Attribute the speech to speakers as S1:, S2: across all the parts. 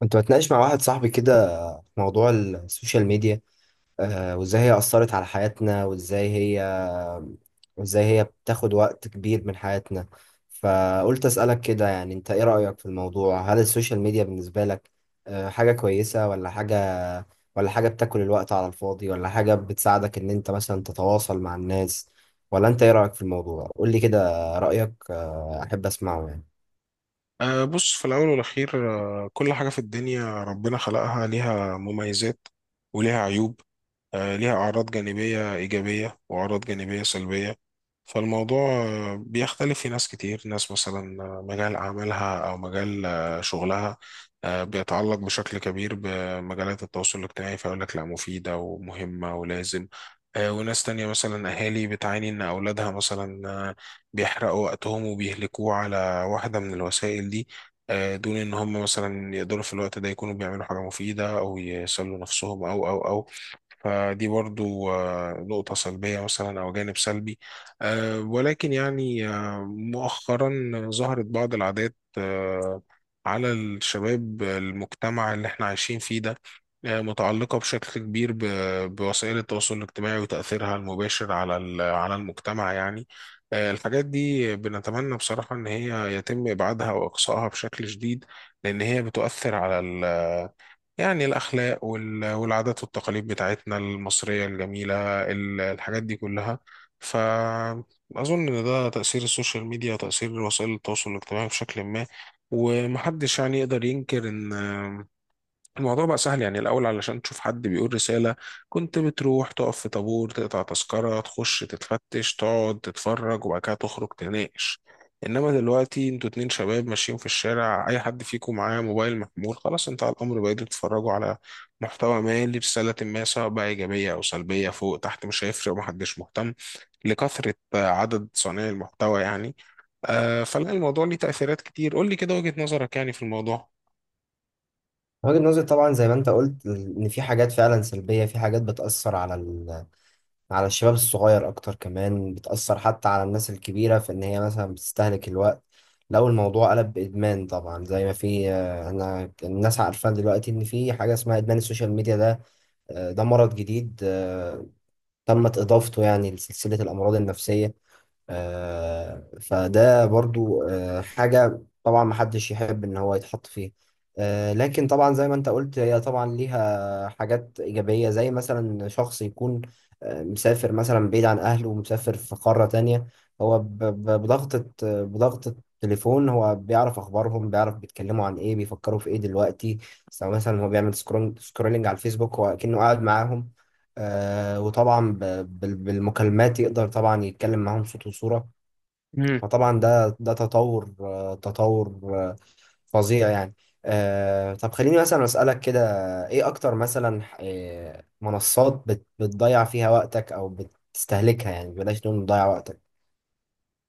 S1: كنت بتناقش مع واحد صاحبي كده في موضوع السوشيال ميديا، وازاي هي أثرت على حياتنا، وازاي هي بتاخد وقت كبير من حياتنا. فقلت أسألك كده، يعني انت ايه رأيك في الموضوع؟ هل السوشيال ميديا بالنسبة لك حاجة كويسة؟ ولا حاجة بتاكل الوقت على الفاضي؟ ولا حاجة بتساعدك ان انت مثلا تتواصل مع الناس؟ ولا انت ايه رأيك في الموضوع؟ قول لي كده رأيك، احب اسمعه يعني.
S2: بص، في الأول والأخير، كل حاجة في الدنيا ربنا خلقها ليها مميزات وليها عيوب. ليها أعراض جانبية إيجابية وأعراض جانبية سلبية. فالموضوع بيختلف. في ناس كتير، ناس مثلا مجال عملها أو مجال شغلها بيتعلق بشكل كبير بمجالات التواصل الاجتماعي فيقول لك لا، مفيدة ومهمة ولازم. وناس تانية مثلا أهالي بتعاني إن أولادها مثلا بيحرقوا وقتهم وبيهلكوه على واحدة من الوسائل دي، دون ان هم مثلا يقدروا في الوقت ده يكونوا بيعملوا حاجة مفيدة او يسلوا نفسهم او او او فدي برضو نقطة سلبية مثلا او جانب سلبي. ولكن يعني مؤخرا ظهرت بعض العادات على الشباب، المجتمع اللي احنا عايشين فيه ده، متعلقة بشكل كبير بوسائل التواصل الاجتماعي وتأثيرها المباشر على على المجتمع يعني. الحاجات دي بنتمنى بصراحة إن هي يتم إبعادها وإقصائها بشكل شديد، لأن هي بتؤثر على يعني الأخلاق والعادات والتقاليد بتاعتنا المصرية الجميلة، الحاجات دي كلها. فأظن إن ده تأثير السوشيال ميديا وتأثير وسائل التواصل الاجتماعي بشكل ما. ومحدش يعني يقدر ينكر إن الموضوع بقى سهل. يعني الأول علشان تشوف حد بيقول رسالة كنت بتروح تقف في طابور، تقطع تذكرة، تخش تتفتش، تقعد تتفرج، وبعد كده تخرج تناقش. إنما دلوقتي انتوا اتنين شباب ماشيين في الشارع، أي حد فيكم معاه موبايل محمول خلاص انتهى الأمر، بقيتوا تتفرجوا على محتوى ما لرسالة ما، سواء بقى إيجابية أو سلبية، فوق تحت مش هيفرق ومحدش مهتم لكثرة عدد صانعي المحتوى يعني. فلا، الموضوع ليه تأثيرات كتير. قول لي كده وجهة نظرك يعني في الموضوع.
S1: وجهة نظري طبعا زي ما انت قلت، ان في حاجات فعلا سلبية، في حاجات بتأثر على على الشباب الصغير اكتر، كمان بتأثر حتى على الناس الكبيرة في ان هي مثلا بتستهلك الوقت. لو الموضوع قلب بإدمان، طبعا زي ما في، انا الناس عارفة دلوقتي ان في حاجة اسمها إدمان السوشيال ميديا ده. ده مرض جديد، تمت إضافته يعني لسلسلة الأمراض النفسية. فده برضو حاجة طبعا محدش يحب ان هو يتحط فيه. لكن طبعا زي ما انت قلت، هي طبعا ليها حاجات ايجابية، زي مثلا شخص يكون مسافر مثلا بعيد عن اهله ومسافر في قارة تانية. هو بضغطة بضغطة تليفون هو بيعرف اخبارهم، بيعرف بيتكلموا عن ايه، بيفكروا في ايه دلوقتي، سواء مثلا هو بيعمل سكرولينج سكرولينج على الفيسبوك، هو كأنه قاعد معاهم. وطبعا بالمكالمات يقدر طبعا يتكلم معاهم صوت وصورة. فطبعا ده تطور فظيع يعني. طب خليني مثلا أسألك كده، ايه اكتر مثلا منصات بتضيع فيها وقتك او بتستهلكها، يعني بلاش نقول بتضيع وقتك.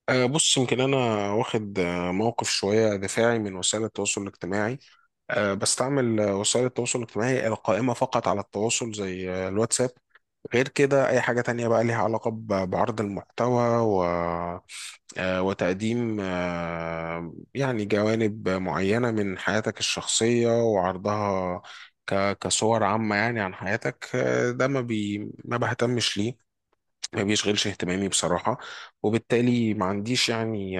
S2: بص، يمكن أنا واخد موقف شوية دفاعي من وسائل التواصل الاجتماعي. بستعمل وسائل التواصل الاجتماعي القائمة فقط على التواصل زي الواتساب. غير كده أي حاجة تانية بقى ليها علاقة بعرض المحتوى و وتقديم يعني جوانب معينة من حياتك الشخصية وعرضها كصور عامة يعني عن حياتك، ده ما بهتمش ليه، ما بيشغلش اهتمامي بصراحة. وبالتالي ما عنديش يعني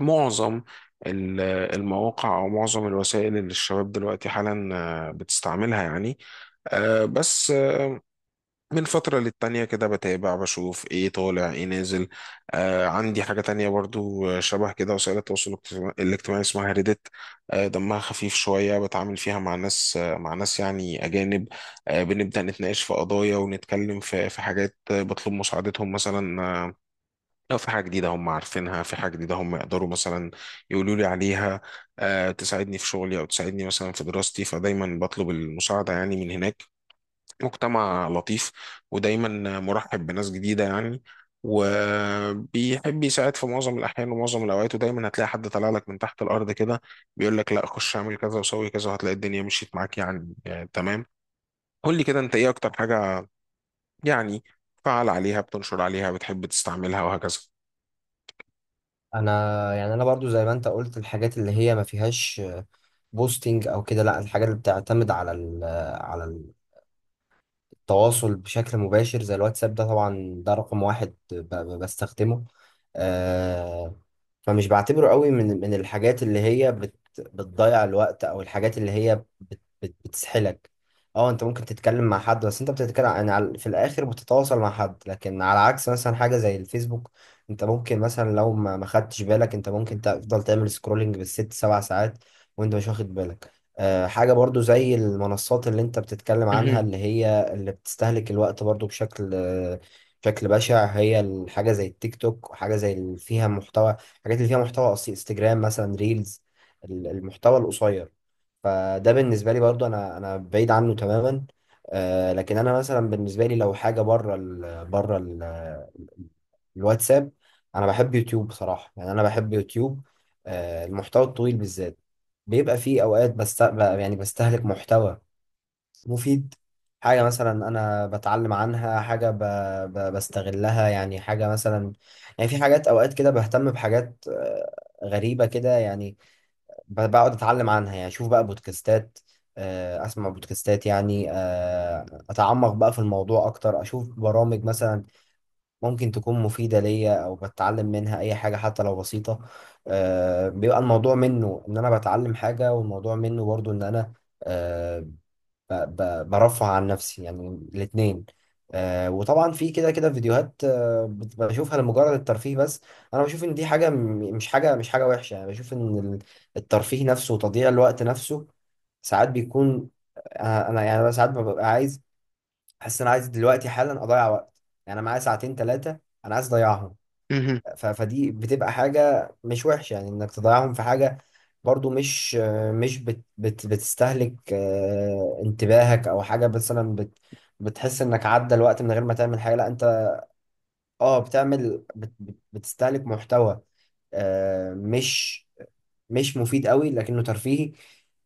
S2: معظم ال- المواقع او معظم الوسائل اللي الشباب دلوقتي حالا بتستعملها يعني. بس من فترة للتانية كده بتابع بشوف ايه طالع ايه نازل. عندي حاجة تانية برضو شبه كده، وسائل التواصل الاجتماعي اسمها ريدت. دمها خفيف شوية، بتعامل فيها مع ناس يعني أجانب، بنبدأ نتناقش في قضايا ونتكلم في حاجات، بطلب مساعدتهم مثلا، لو في حاجة جديدة هم عارفينها، في حاجة جديدة هم يقدروا مثلا يقولوا لي عليها، تساعدني في شغلي أو تساعدني مثلا في دراستي. فدايما بطلب المساعدة يعني من هناك. مجتمع لطيف، ودايما مرحب بناس جديدة يعني، وبيحب يساعد في معظم الأحيان ومعظم الأوقات، ودايما هتلاقي حد طالع لك من تحت الأرض كده بيقول لك لا، خش اعمل كذا وسوي كذا، وهتلاقي الدنيا مشيت معاك يعني تمام. قول لي كده، أنت إيه أكتر حاجة يعني فعال عليها، بتنشر عليها، بتحب تستعملها وهكذا؟
S1: انا يعني برضو زي ما انت قلت، الحاجات اللي هي ما فيهاش بوستنج او كده، لا، الحاجات اللي بتعتمد على التواصل بشكل مباشر زي الواتساب، ده طبعا ده رقم 1 بستخدمه. آه، فمش بعتبره قوي من الحاجات اللي هي بتضيع الوقت، او الحاجات اللي هي بت بت بتسحلك. اه، انت ممكن تتكلم مع حد، بس انت بتتكلم يعني في الاخر بتتواصل مع حد، لكن على عكس مثلا حاجة زي الفيسبوك، انت ممكن مثلا لو ما خدتش بالك، انت ممكن تفضل تعمل سكرولنج بالست سبع ساعات وانت مش واخد بالك. أه، حاجة برضو زي المنصات اللي انت بتتكلم عنها،
S2: مهم.
S1: اللي هي اللي بتستهلك الوقت برضو، بشكل بشكل بشع، هي الحاجة زي التيك توك، وحاجة زي اللي فيها محتوى، الحاجات اللي فيها محتوى قصير، انستجرام مثلا ريلز، المحتوى القصير. فده بالنسبه لي برضو، انا بعيد عنه تماما. آه، لكن انا مثلا بالنسبه لي لو حاجه بره الواتساب، انا بحب يوتيوب بصراحه، يعني انا بحب يوتيوب. آه، المحتوى الطويل بالذات، بيبقى فيه اوقات بست، يعني بستهلك محتوى مفيد، حاجة مثلا أنا بتعلم عنها، حاجة بستغلها، يعني حاجة مثلا، يعني في حاجات أوقات كده بهتم بحاجات غريبة كده يعني، بقعد أتعلم عنها، يعني أشوف بقى بودكاستات، أسمع بودكاستات يعني، أتعمق بقى في الموضوع أكتر، أشوف برامج مثلا ممكن تكون مفيدة ليا أو بتعلم منها أي حاجة حتى لو بسيطة. بيبقى الموضوع منه إن أنا بتعلم حاجة، والموضوع منه برضو إن أنا آه، برفع عن نفسي يعني، الاثنين. آه، وطبعا في كده فيديوهات، بشوفها لمجرد الترفيه بس. انا بشوف ان دي حاجه مش حاجه وحشه، يعني بشوف ان الترفيه نفسه وتضييع الوقت نفسه ساعات بيكون، آه انا يعني أنا ساعات ببقى عايز، احس ان انا عايز دلوقتي حالا اضيع وقت، يعني انا معايا ساعتين 3، انا عايز اضيعهم.
S2: مهم.
S1: فدي بتبقى حاجة مش وحشة، يعني انك تضيعهم في حاجة برضو مش، مش بت بت بتستهلك انتباهك، او حاجة مثلا بتحس انك عدى الوقت من غير ما تعمل حاجة، لا، انت اه بتعمل، بت بت بتستهلك محتوى آه، مش مش مفيد قوي لكنه ترفيهي.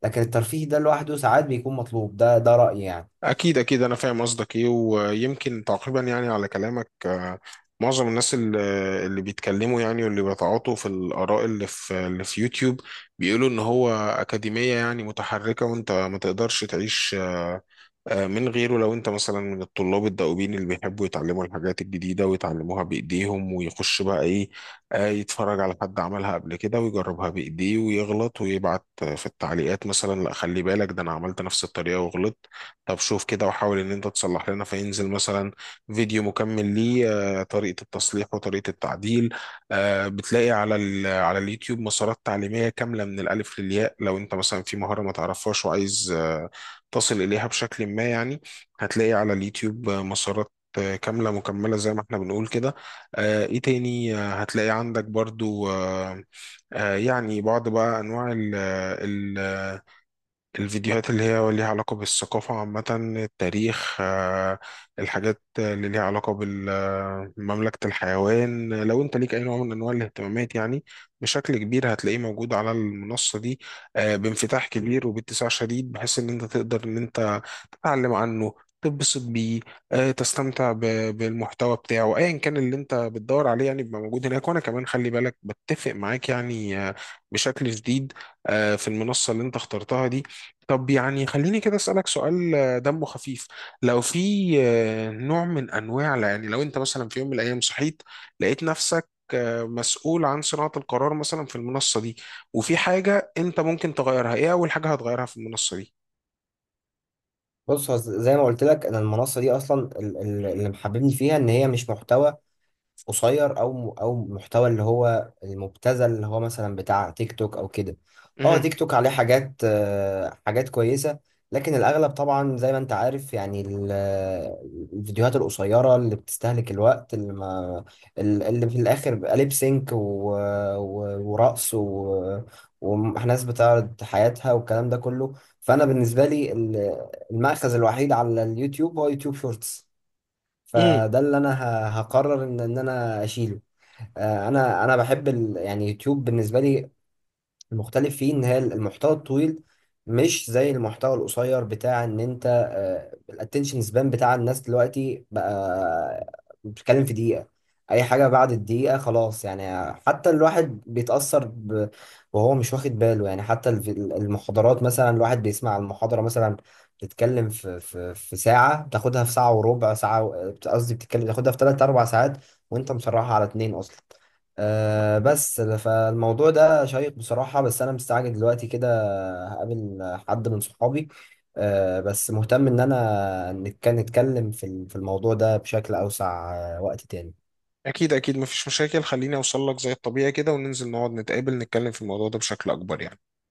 S1: لكن الترفيه ده لوحده ساعات بيكون مطلوب، ده رأيي يعني.
S2: أكيد أكيد، أنا فاهم قصدك إيه. ويمكن تقريبا يعني على كلامك معظم الناس اللي بيتكلموا يعني واللي بيتعاطوا في الآراء اللي في يوتيوب، بيقولوا إن هو أكاديمية يعني متحركة، وأنت ما تقدرش تعيش من غيره. لو انت مثلا من الطلاب الدؤوبين اللي بيحبوا يتعلموا الحاجات الجديدة ويتعلموها بإيديهم ويخش بقى ايه، يتفرج على حد عملها قبل كده ويجربها بإيديه ويغلط ويبعت في التعليقات مثلا لا، خلي بالك ده انا عملت نفس الطريقة وغلطت، طب شوف كده وحاول ان انت تصلح لنا. فينزل مثلا فيديو مكمل ليه طريقة التصليح وطريقة التعديل. بتلاقي على على اليوتيوب مسارات تعليمية كاملة من الألف للياء. لو انت مثلا في مهارة ما تعرفهاش وعايز تصل إليها بشكل ما يعني، هتلاقي على اليوتيوب مسارات كاملة مكملة زي ما احنا بنقول كده. ايه تاني؟ هتلاقي عندك برضو يعني بعض بقى انواع ال ال الفيديوهات اللي هي ليها علاقة بالثقافة عامة، التاريخ، الحاجات اللي ليها علاقة بمملكة الحيوان. لو انت ليك اي نوع من انواع الاهتمامات يعني بشكل كبير هتلاقيه موجود على المنصة دي بانفتاح كبير وباتساع شديد، بحيث ان انت تقدر ان انت تعلم عنه، تتبسط بيه، تستمتع بالمحتوى بتاعه ايا كان اللي انت بتدور عليه، يعني بيبقى موجود هناك. وانا كمان خلي بالك بتفق معاك يعني بشكل شديد في المنصة اللي انت اخترتها دي. طب يعني خليني كده اسألك سؤال دمه خفيف. لو في نوع من انواع، يعني لو انت مثلا في يوم من الايام صحيت لقيت نفسك مسؤول عن صناعة القرار مثلا في المنصة دي، وفي حاجة انت ممكن تغيرها، ايه اول حاجة هتغيرها في المنصة دي؟
S1: بص، هو زي ما قلت لك انا، المنصة دي اصلا اللي محببني فيها ان هي مش محتوى قصير او محتوى، اللي هو المبتذل، اللي هو مثلا بتاع تيك توك او كده. اه،
S2: مهم.
S1: تيك توك عليه حاجات حاجات كويسه، لكن الاغلب طبعا زي ما انت عارف يعني، الفيديوهات القصيره اللي بتستهلك الوقت، اللي ما اللي في الاخر بيبقى ليب سينك ورقص وناس بتعرض حياتها والكلام ده كله. فانا بالنسبه لي المأخذ الوحيد على اليوتيوب هو يوتيوب شورتس، فده اللي انا هقرر ان انا اشيله. آه، انا بحب يعني يوتيوب بالنسبه لي، المختلف فيه ان هي المحتوى الطويل، مش زي المحتوى القصير بتاع ان انت، الاتنشن سبان بتاع الناس دلوقتي بقى بتتكلم في دقيقة، اي حاجة بعد الدقيقة خلاص يعني، حتى الواحد بيتأثر وهو مش واخد باله، يعني حتى المحاضرات مثلا، الواحد بيسمع المحاضرة مثلا بتتكلم في ساعة، بتاخدها في ساعة وربع ساعة، قصدي بتتكلم بتاخدها في 3 4 ساعات وأنت مسرحها على 2 أصلا. آه، بس فالموضوع ده شيق بصراحة، بس أنا مستعجل دلوقتي كده، هقابل حد من صحابي، آه، بس مهتم إن أنا نتكلم في في الموضوع ده بشكل أوسع وقت تاني.
S2: اكيد اكيد، مفيش مشاكل. خليني اوصل لك زي الطبيعي كده وننزل نقعد نتقابل نتكلم في الموضوع ده بشكل اكبر يعني.